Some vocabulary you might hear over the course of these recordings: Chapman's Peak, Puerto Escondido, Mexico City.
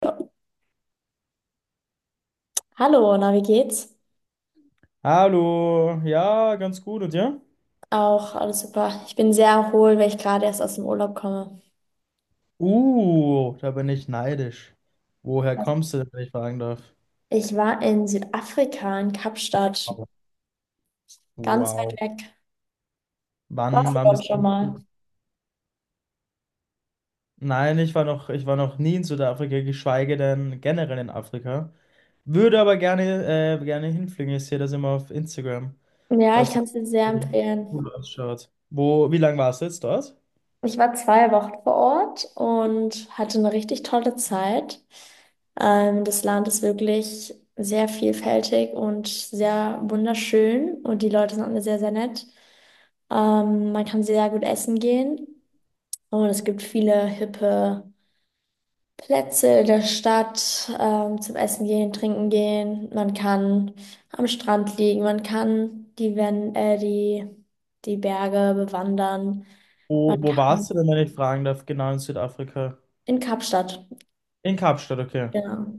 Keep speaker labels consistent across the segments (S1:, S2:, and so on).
S1: Ja. Hallo, na, wie geht's?
S2: Hallo, ja, ganz gut und dir?
S1: Auch alles super. Ich bin sehr erholt, weil ich gerade erst aus dem Urlaub komme.
S2: Da bin ich neidisch. Woher kommst du denn, wenn ich fragen darf?
S1: Ich war in Südafrika, in Kapstadt,
S2: Wow.
S1: ganz
S2: Wow.
S1: weit weg. Warst
S2: Wann,
S1: du
S2: wann
S1: dort
S2: bist
S1: schon mal?
S2: du? Nein, ich war noch nie in Südafrika, geschweige denn generell in Afrika. Würde aber gerne, gerne hinfliegen. Ich sehe das immer auf Instagram,
S1: Ja, ich
S2: dass das
S1: kann es dir sehr empfehlen.
S2: gut ausschaut. Wie lange warst du jetzt dort?
S1: Ich war 2 Wochen vor Ort und hatte eine richtig tolle Zeit. Das Land ist wirklich sehr vielfältig und sehr wunderschön und die Leute sind alle sehr, sehr nett. Man kann sehr gut essen gehen. Oh, und es gibt viele hippe Plätze in der Stadt, zum Essen gehen, trinken gehen. Man kann am Strand liegen, man kann die Berge bewandern, man
S2: Wo
S1: kann
S2: warst du denn, wenn ich fragen darf? Genau, in Südafrika.
S1: in Kapstadt,
S2: In Kapstadt, okay.
S1: genau.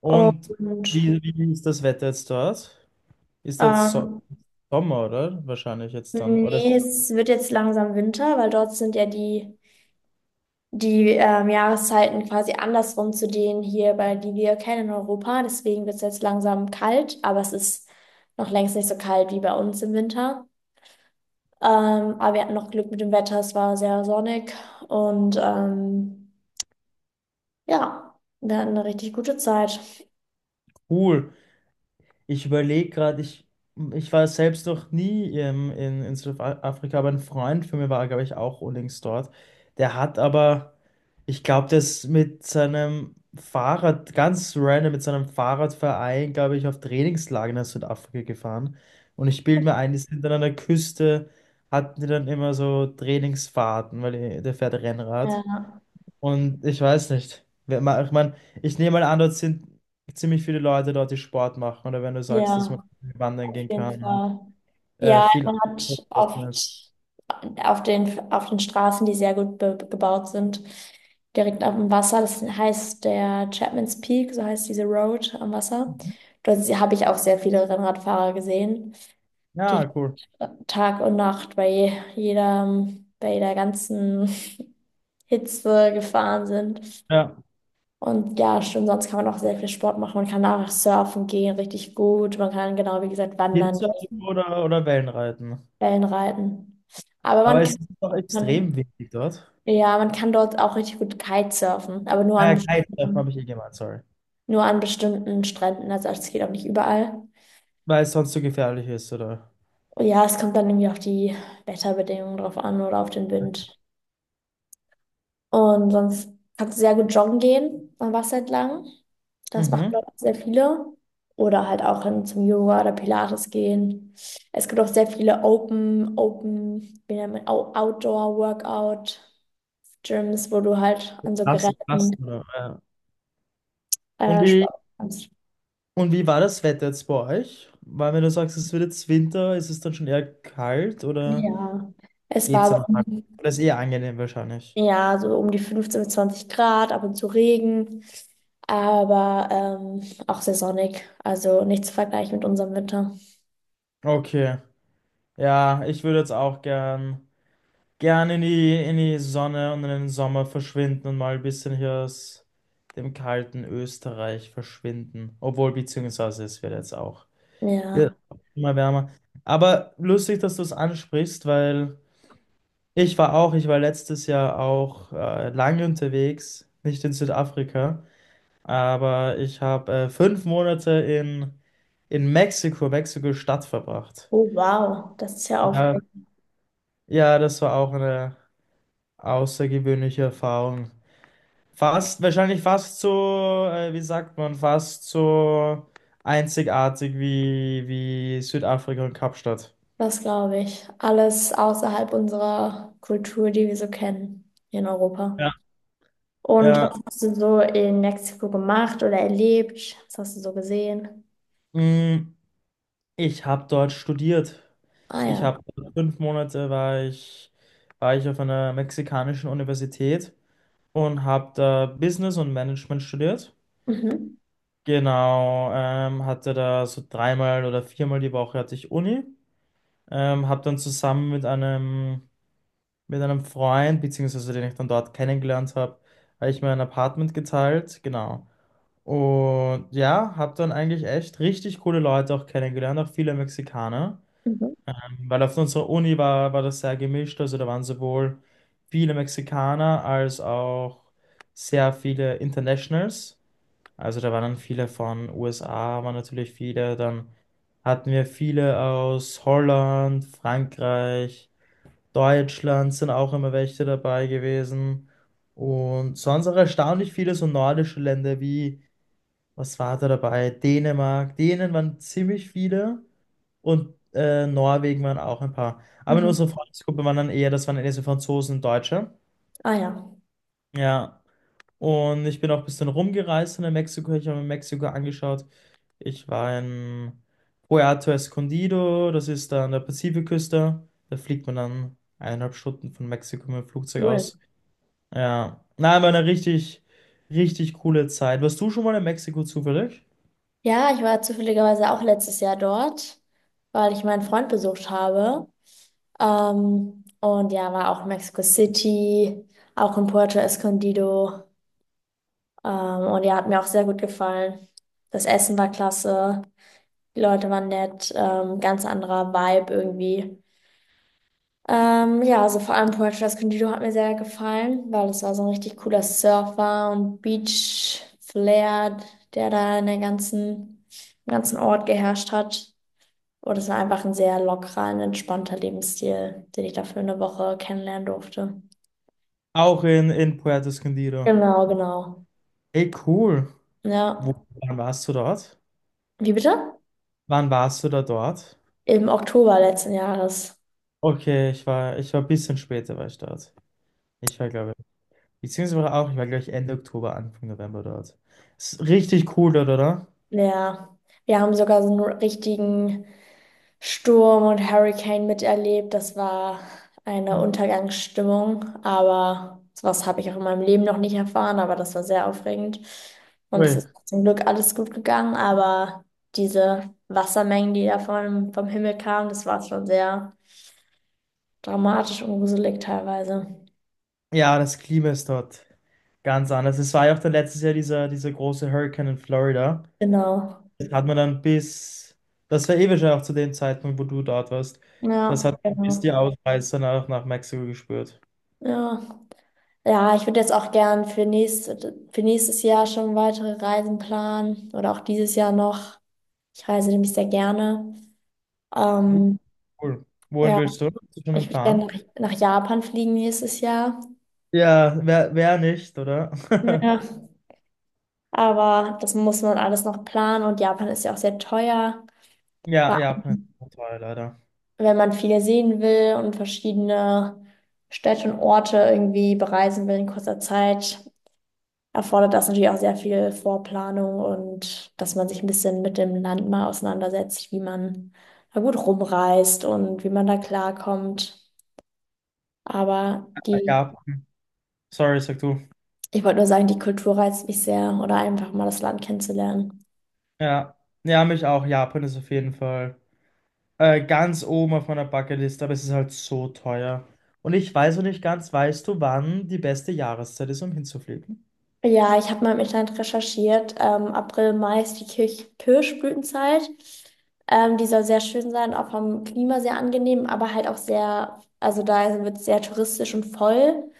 S2: Und
S1: Und
S2: wie ist das Wetter jetzt dort? Ist jetzt so
S1: ähm,
S2: Sommer, oder? Wahrscheinlich jetzt dann. Oder ist
S1: nee, es wird jetzt langsam Winter, weil dort sind ja die Jahreszeiten quasi andersrum zu denen hier, bei die wir kennen in Europa. Deswegen wird es jetzt langsam kalt, aber es ist noch längst nicht so kalt wie bei uns im Winter. Aber wir hatten noch Glück mit dem Wetter, es war sehr sonnig und ja, wir hatten eine richtig gute Zeit.
S2: cool. Ich überlege gerade, ich war selbst noch nie in Südafrika, aber ein Freund von mir war, glaube ich, auch unlängst dort. Der hat aber, ich glaube, das mit seinem Fahrrad, ganz random, mit seinem Fahrradverein, glaube ich, auf Trainingslager nach Südafrika gefahren. Und ich bilde mir ein, die sind dann an der Küste, hatten die dann immer so Trainingsfahrten, weil der fährt Rennrad.
S1: Ja,
S2: Und ich weiß nicht. Ich meine, ich nehme mal an, dort sind ziemlich viele Leute dort, die Sport machen. Oder wenn du sagst, dass man
S1: ja,
S2: wandern
S1: auf
S2: gehen
S1: jeden
S2: kann.
S1: Fall. Ja,
S2: Viel.
S1: man hat oft auf den Straßen, die sehr gut be gebaut sind, direkt auf dem Wasser. Das heißt der Chapman's Peak, so heißt diese Road am Wasser. Dort habe ich auch sehr viele Rennradfahrer gesehen, die
S2: Ja, cool.
S1: Tag und Nacht bei jeder ganzen Hitze gefahren sind.
S2: Ja.
S1: Und ja, stimmt, sonst kann man auch sehr viel Sport machen. Man kann auch surfen gehen, richtig gut. Man kann genau, wie gesagt, wandern
S2: Windsurfen oder Wellenreiten.
S1: Wellenreiten. Aber
S2: Aber es ist doch
S1: man,
S2: extrem windig dort.
S1: ja, man kann dort auch richtig gut Kitesurfen, aber nur
S2: Ah
S1: an
S2: ja, Kitesurfen
S1: bestimmten,
S2: habe ich eh gemeint, sorry.
S1: nur an bestimmten Stränden. Also es geht auch nicht überall.
S2: Weil es sonst so gefährlich ist, oder?
S1: Und ja, es kommt dann irgendwie auf die Wetterbedingungen drauf an oder auf den Wind. Und sonst kannst du sehr gut joggen gehen am Wasser entlang. Das machen
S2: Mhm.
S1: dort auch sehr viele. Oder halt auch hin zum Yoga oder Pilates gehen. Es gibt auch sehr viele Open, Open, wie nennt man, Outdoor-Workout Gyms, wo du halt an so
S2: Krass, passt
S1: Geräten
S2: oder? Ja. Und wie,
S1: Sport kannst.
S2: und wie war das Wetter jetzt bei euch? Weil wenn du sagst, es wird jetzt Winter, ist es dann schon eher kalt, oder?
S1: Ja, es
S2: Geht's
S1: war so,
S2: dann noch? Das ist eher angenehm wahrscheinlich.
S1: ja, so um die 15 bis 20 Grad, ab und zu Regen, aber auch sehr sonnig. Also nicht zu vergleichen mit unserem Winter.
S2: Okay. Ja, ich würde jetzt auch gern, gern in die Sonne und in den Sommer verschwinden und mal ein bisschen hier aus dem kalten Österreich verschwinden. Obwohl, beziehungsweise es wird jetzt auch wird
S1: Ja.
S2: immer wärmer. Aber lustig, dass du es ansprichst, weil ich war auch, ich war letztes Jahr auch lange unterwegs, nicht in Südafrika. Aber ich habe fünf Monate in Mexiko, Mexiko-Stadt verbracht.
S1: Oh, wow, das ist ja
S2: Ja,
S1: aufregend.
S2: ja, das war auch eine außergewöhnliche Erfahrung. Fast, wahrscheinlich fast so, wie sagt man, fast so einzigartig wie Südafrika und Kapstadt.
S1: Das glaube ich. Alles außerhalb unserer Kultur, die wir so kennen hier in Europa.
S2: Ja.
S1: Und was
S2: Ja,
S1: hast du so in Mexiko gemacht oder erlebt? Was hast du so gesehen?
S2: mm, ich habe dort studiert.
S1: Ah
S2: Ich
S1: ja.
S2: habe fünf Monate war ich auf einer mexikanischen Universität und habe da Business und Management studiert.
S1: Mhm.
S2: Genau, hatte da so dreimal oder viermal die Woche hatte ich Uni. Habe dann zusammen mit einem Freund, beziehungsweise den ich dann dort kennengelernt habe, habe ich mir ein Apartment geteilt. Genau. Und ja, habe dann eigentlich echt richtig coole Leute auch kennengelernt, auch viele Mexikaner.
S1: Mhm.
S2: Weil auf unserer Uni war, war das sehr gemischt, also da waren sowohl viele Mexikaner als auch sehr viele Internationals. Also da waren dann viele von USA, waren natürlich viele. Dann hatten wir viele aus Holland, Frankreich, Deutschland sind auch immer welche dabei gewesen. Und sonst auch erstaunlich viele so nordische Länder wie, was war da dabei? Dänemark. Dänen waren ziemlich viele und Norwegen waren auch ein paar. Aber in
S1: Mhm.
S2: unserer Freundesgruppe waren dann eher, das waren eher so Franzosen und Deutsche.
S1: Ah ja,
S2: Ja, und ich bin auch ein bisschen rumgereist in Mexiko. Ich habe mir Mexiko angeschaut. Ich war in Puerto Escondido, das ist da an der Pazifikküste. Da fliegt man dann eineinhalb Stunden von Mexiko mit dem Flugzeug
S1: cool.
S2: aus. Ja, nein, war eine richtig, richtig coole Zeit. Warst du schon mal in Mexiko zufällig?
S1: Ja, ich war zufälligerweise auch letztes Jahr dort, weil ich meinen Freund besucht habe. Und ja, war auch in Mexico City, auch in Puerto Escondido. Ähm, und ja, hat mir auch sehr gut gefallen. Das Essen war klasse, die Leute waren nett, ganz anderer Vibe irgendwie. Ja, also vor allem Puerto Escondido hat mir sehr gefallen, weil es war so ein richtig cooler Surfer und Beach-Flair, der da im ganzen Ort geherrscht hat. Und es war einfach ein sehr lockerer und entspannter Lebensstil, den ich da für eine Woche kennenlernen durfte.
S2: Auch in Puerto Escondido.
S1: Genau, genau.
S2: Ey, cool. Wo,
S1: Ja.
S2: wann warst du dort?
S1: Wie bitte?
S2: Wann warst du da dort?
S1: Im Oktober letzten Jahres.
S2: Okay, ich war ein bisschen später war ich dort. Ich war, glaube Beziehungsweise auch, ich war, glaube ich, Ende Oktober, Anfang November dort. Ist richtig cool dort, oder?
S1: Ja, wir haben sogar so einen richtigen Sturm und Hurricane miterlebt. Das war eine Untergangsstimmung, aber sowas habe ich auch in meinem Leben noch nicht erfahren, aber das war sehr aufregend. Und es
S2: Cool.
S1: ist zum Glück alles gut gegangen, aber diese Wassermengen, die da vom Himmel kamen, das war schon sehr dramatisch und gruselig teilweise.
S2: Ja, das Klima ist dort ganz anders. Es war ja auch dann letztes Jahr dieser große Hurricane in Florida.
S1: Genau.
S2: Das hat man dann das war eh wahrscheinlich auch zu dem Zeitpunkt, wo du dort warst, das
S1: Ja,
S2: hat man bis die
S1: genau.
S2: Ausreißer nach Mexiko gespürt.
S1: Ja. Ja, ich würde jetzt auch gern für nächstes Jahr schon weitere Reisen planen oder auch dieses Jahr noch. Ich reise nämlich sehr gerne.
S2: Uh,
S1: Ähm,
S2: Cool. Wohin
S1: ja,
S2: willst du? Hast du schon einen
S1: ich würde
S2: Plan?
S1: gerne nach Japan fliegen nächstes Jahr.
S2: Ja, wer nicht, oder?
S1: Ja, aber das muss man alles noch planen und Japan ist ja auch sehr teuer. Vor
S2: Ja, Japan
S1: allem,
S2: ist toll, leider.
S1: wenn man viel sehen will und verschiedene Städte und Orte irgendwie bereisen will in kurzer Zeit, erfordert das natürlich auch sehr viel Vorplanung und dass man sich ein bisschen mit dem Land mal auseinandersetzt, wie man da gut rumreist und wie man da klarkommt. Aber die,
S2: Japan. Sorry, sag du.
S1: ich wollte nur sagen, die Kultur reizt mich sehr oder einfach mal das Land kennenzulernen.
S2: Ja, ja, mich auch. Japan ist auf jeden Fall ganz oben auf meiner Bucketlist, aber es ist halt so teuer. Und ich weiß noch nicht ganz, weißt du, wann die beste Jahreszeit ist, um hinzufliegen?
S1: Ja, ich habe mal im Internet recherchiert. April, Mai ist die Kirch Kirschblütenzeit. Die soll sehr schön sein, auch vom Klima sehr angenehm, aber halt auch sehr, also da wird es sehr touristisch und voll.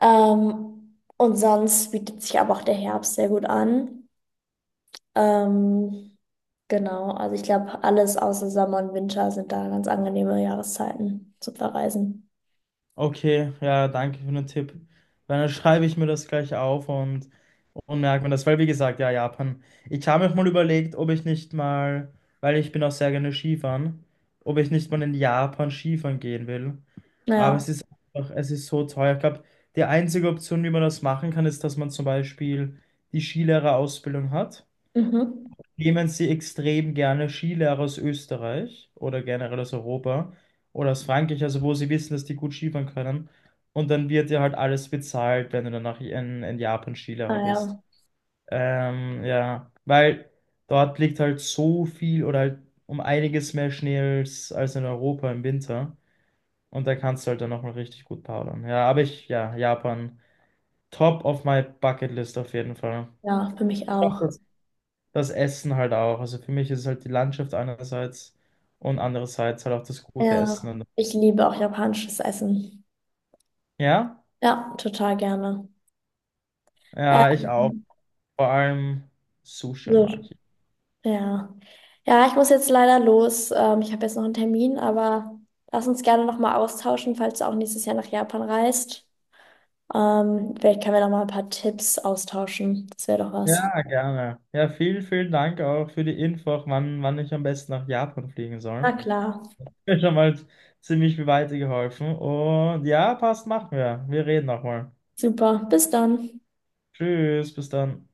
S1: Und sonst bietet sich aber auch der Herbst sehr gut an. Ähm, genau, also ich glaube, alles außer Sommer und Winter sind da ganz angenehme Jahreszeiten zu Verreisen.
S2: Okay, ja, danke für den Tipp. Dann schreibe ich mir das gleich auf. Und merkt man das, weil wie gesagt, ja, Japan. Ich habe mir auch mal überlegt, ob ich nicht mal, weil ich bin auch sehr gerne Skifahren, ob ich nicht mal in Japan Skifahren gehen will. Aber
S1: Naja,
S2: es ist einfach, es ist so teuer. Ich glaube, die einzige Option, wie man das machen kann, ist, dass man zum Beispiel die Skilehrerausbildung hat.
S1: mhm.
S2: Nehmen Sie extrem gerne Skilehrer aus Österreich oder generell aus Europa oder aus Frankreich, also wo Sie wissen, dass die gut Skifahren können. Und dann wird dir halt alles bezahlt, wenn du danach in Japan Skilehrer bist.
S1: Naja,
S2: Ja, weil dort liegt halt so viel oder halt um einiges mehr Schnee als in Europa im Winter. Und da kannst du halt dann nochmal richtig gut powdern. Ja, aber ich, ja, Japan, top of my bucket list auf jeden Fall.
S1: ja, ja, für mich
S2: Auch
S1: auch.
S2: das, das Essen halt auch. Also für mich ist es halt die Landschaft einerseits und andererseits halt auch das gute Essen.
S1: Ja,
S2: Und,
S1: ich liebe auch japanisches Essen.
S2: ja,
S1: Ja, total gerne.
S2: ja, ich auch.
S1: Ähm,
S2: Vor allem Sushi
S1: so,
S2: mag ich.
S1: ja. Ja, ich muss jetzt leider los. Ich habe jetzt noch einen Termin, aber lass uns gerne nochmal austauschen, falls du auch nächstes Jahr nach Japan reist. Vielleicht können wir noch mal ein paar Tipps austauschen. Das wäre doch was.
S2: Ja, gerne. Ja, vielen Dank auch für die Info, wann ich am besten nach Japan fliegen soll.
S1: Na klar.
S2: Mir schon mal ziemlich weitergeholfen. Und ja, passt, machen wir. Wir reden nochmal.
S1: Super. Bis dann.
S2: Tschüss, bis dann.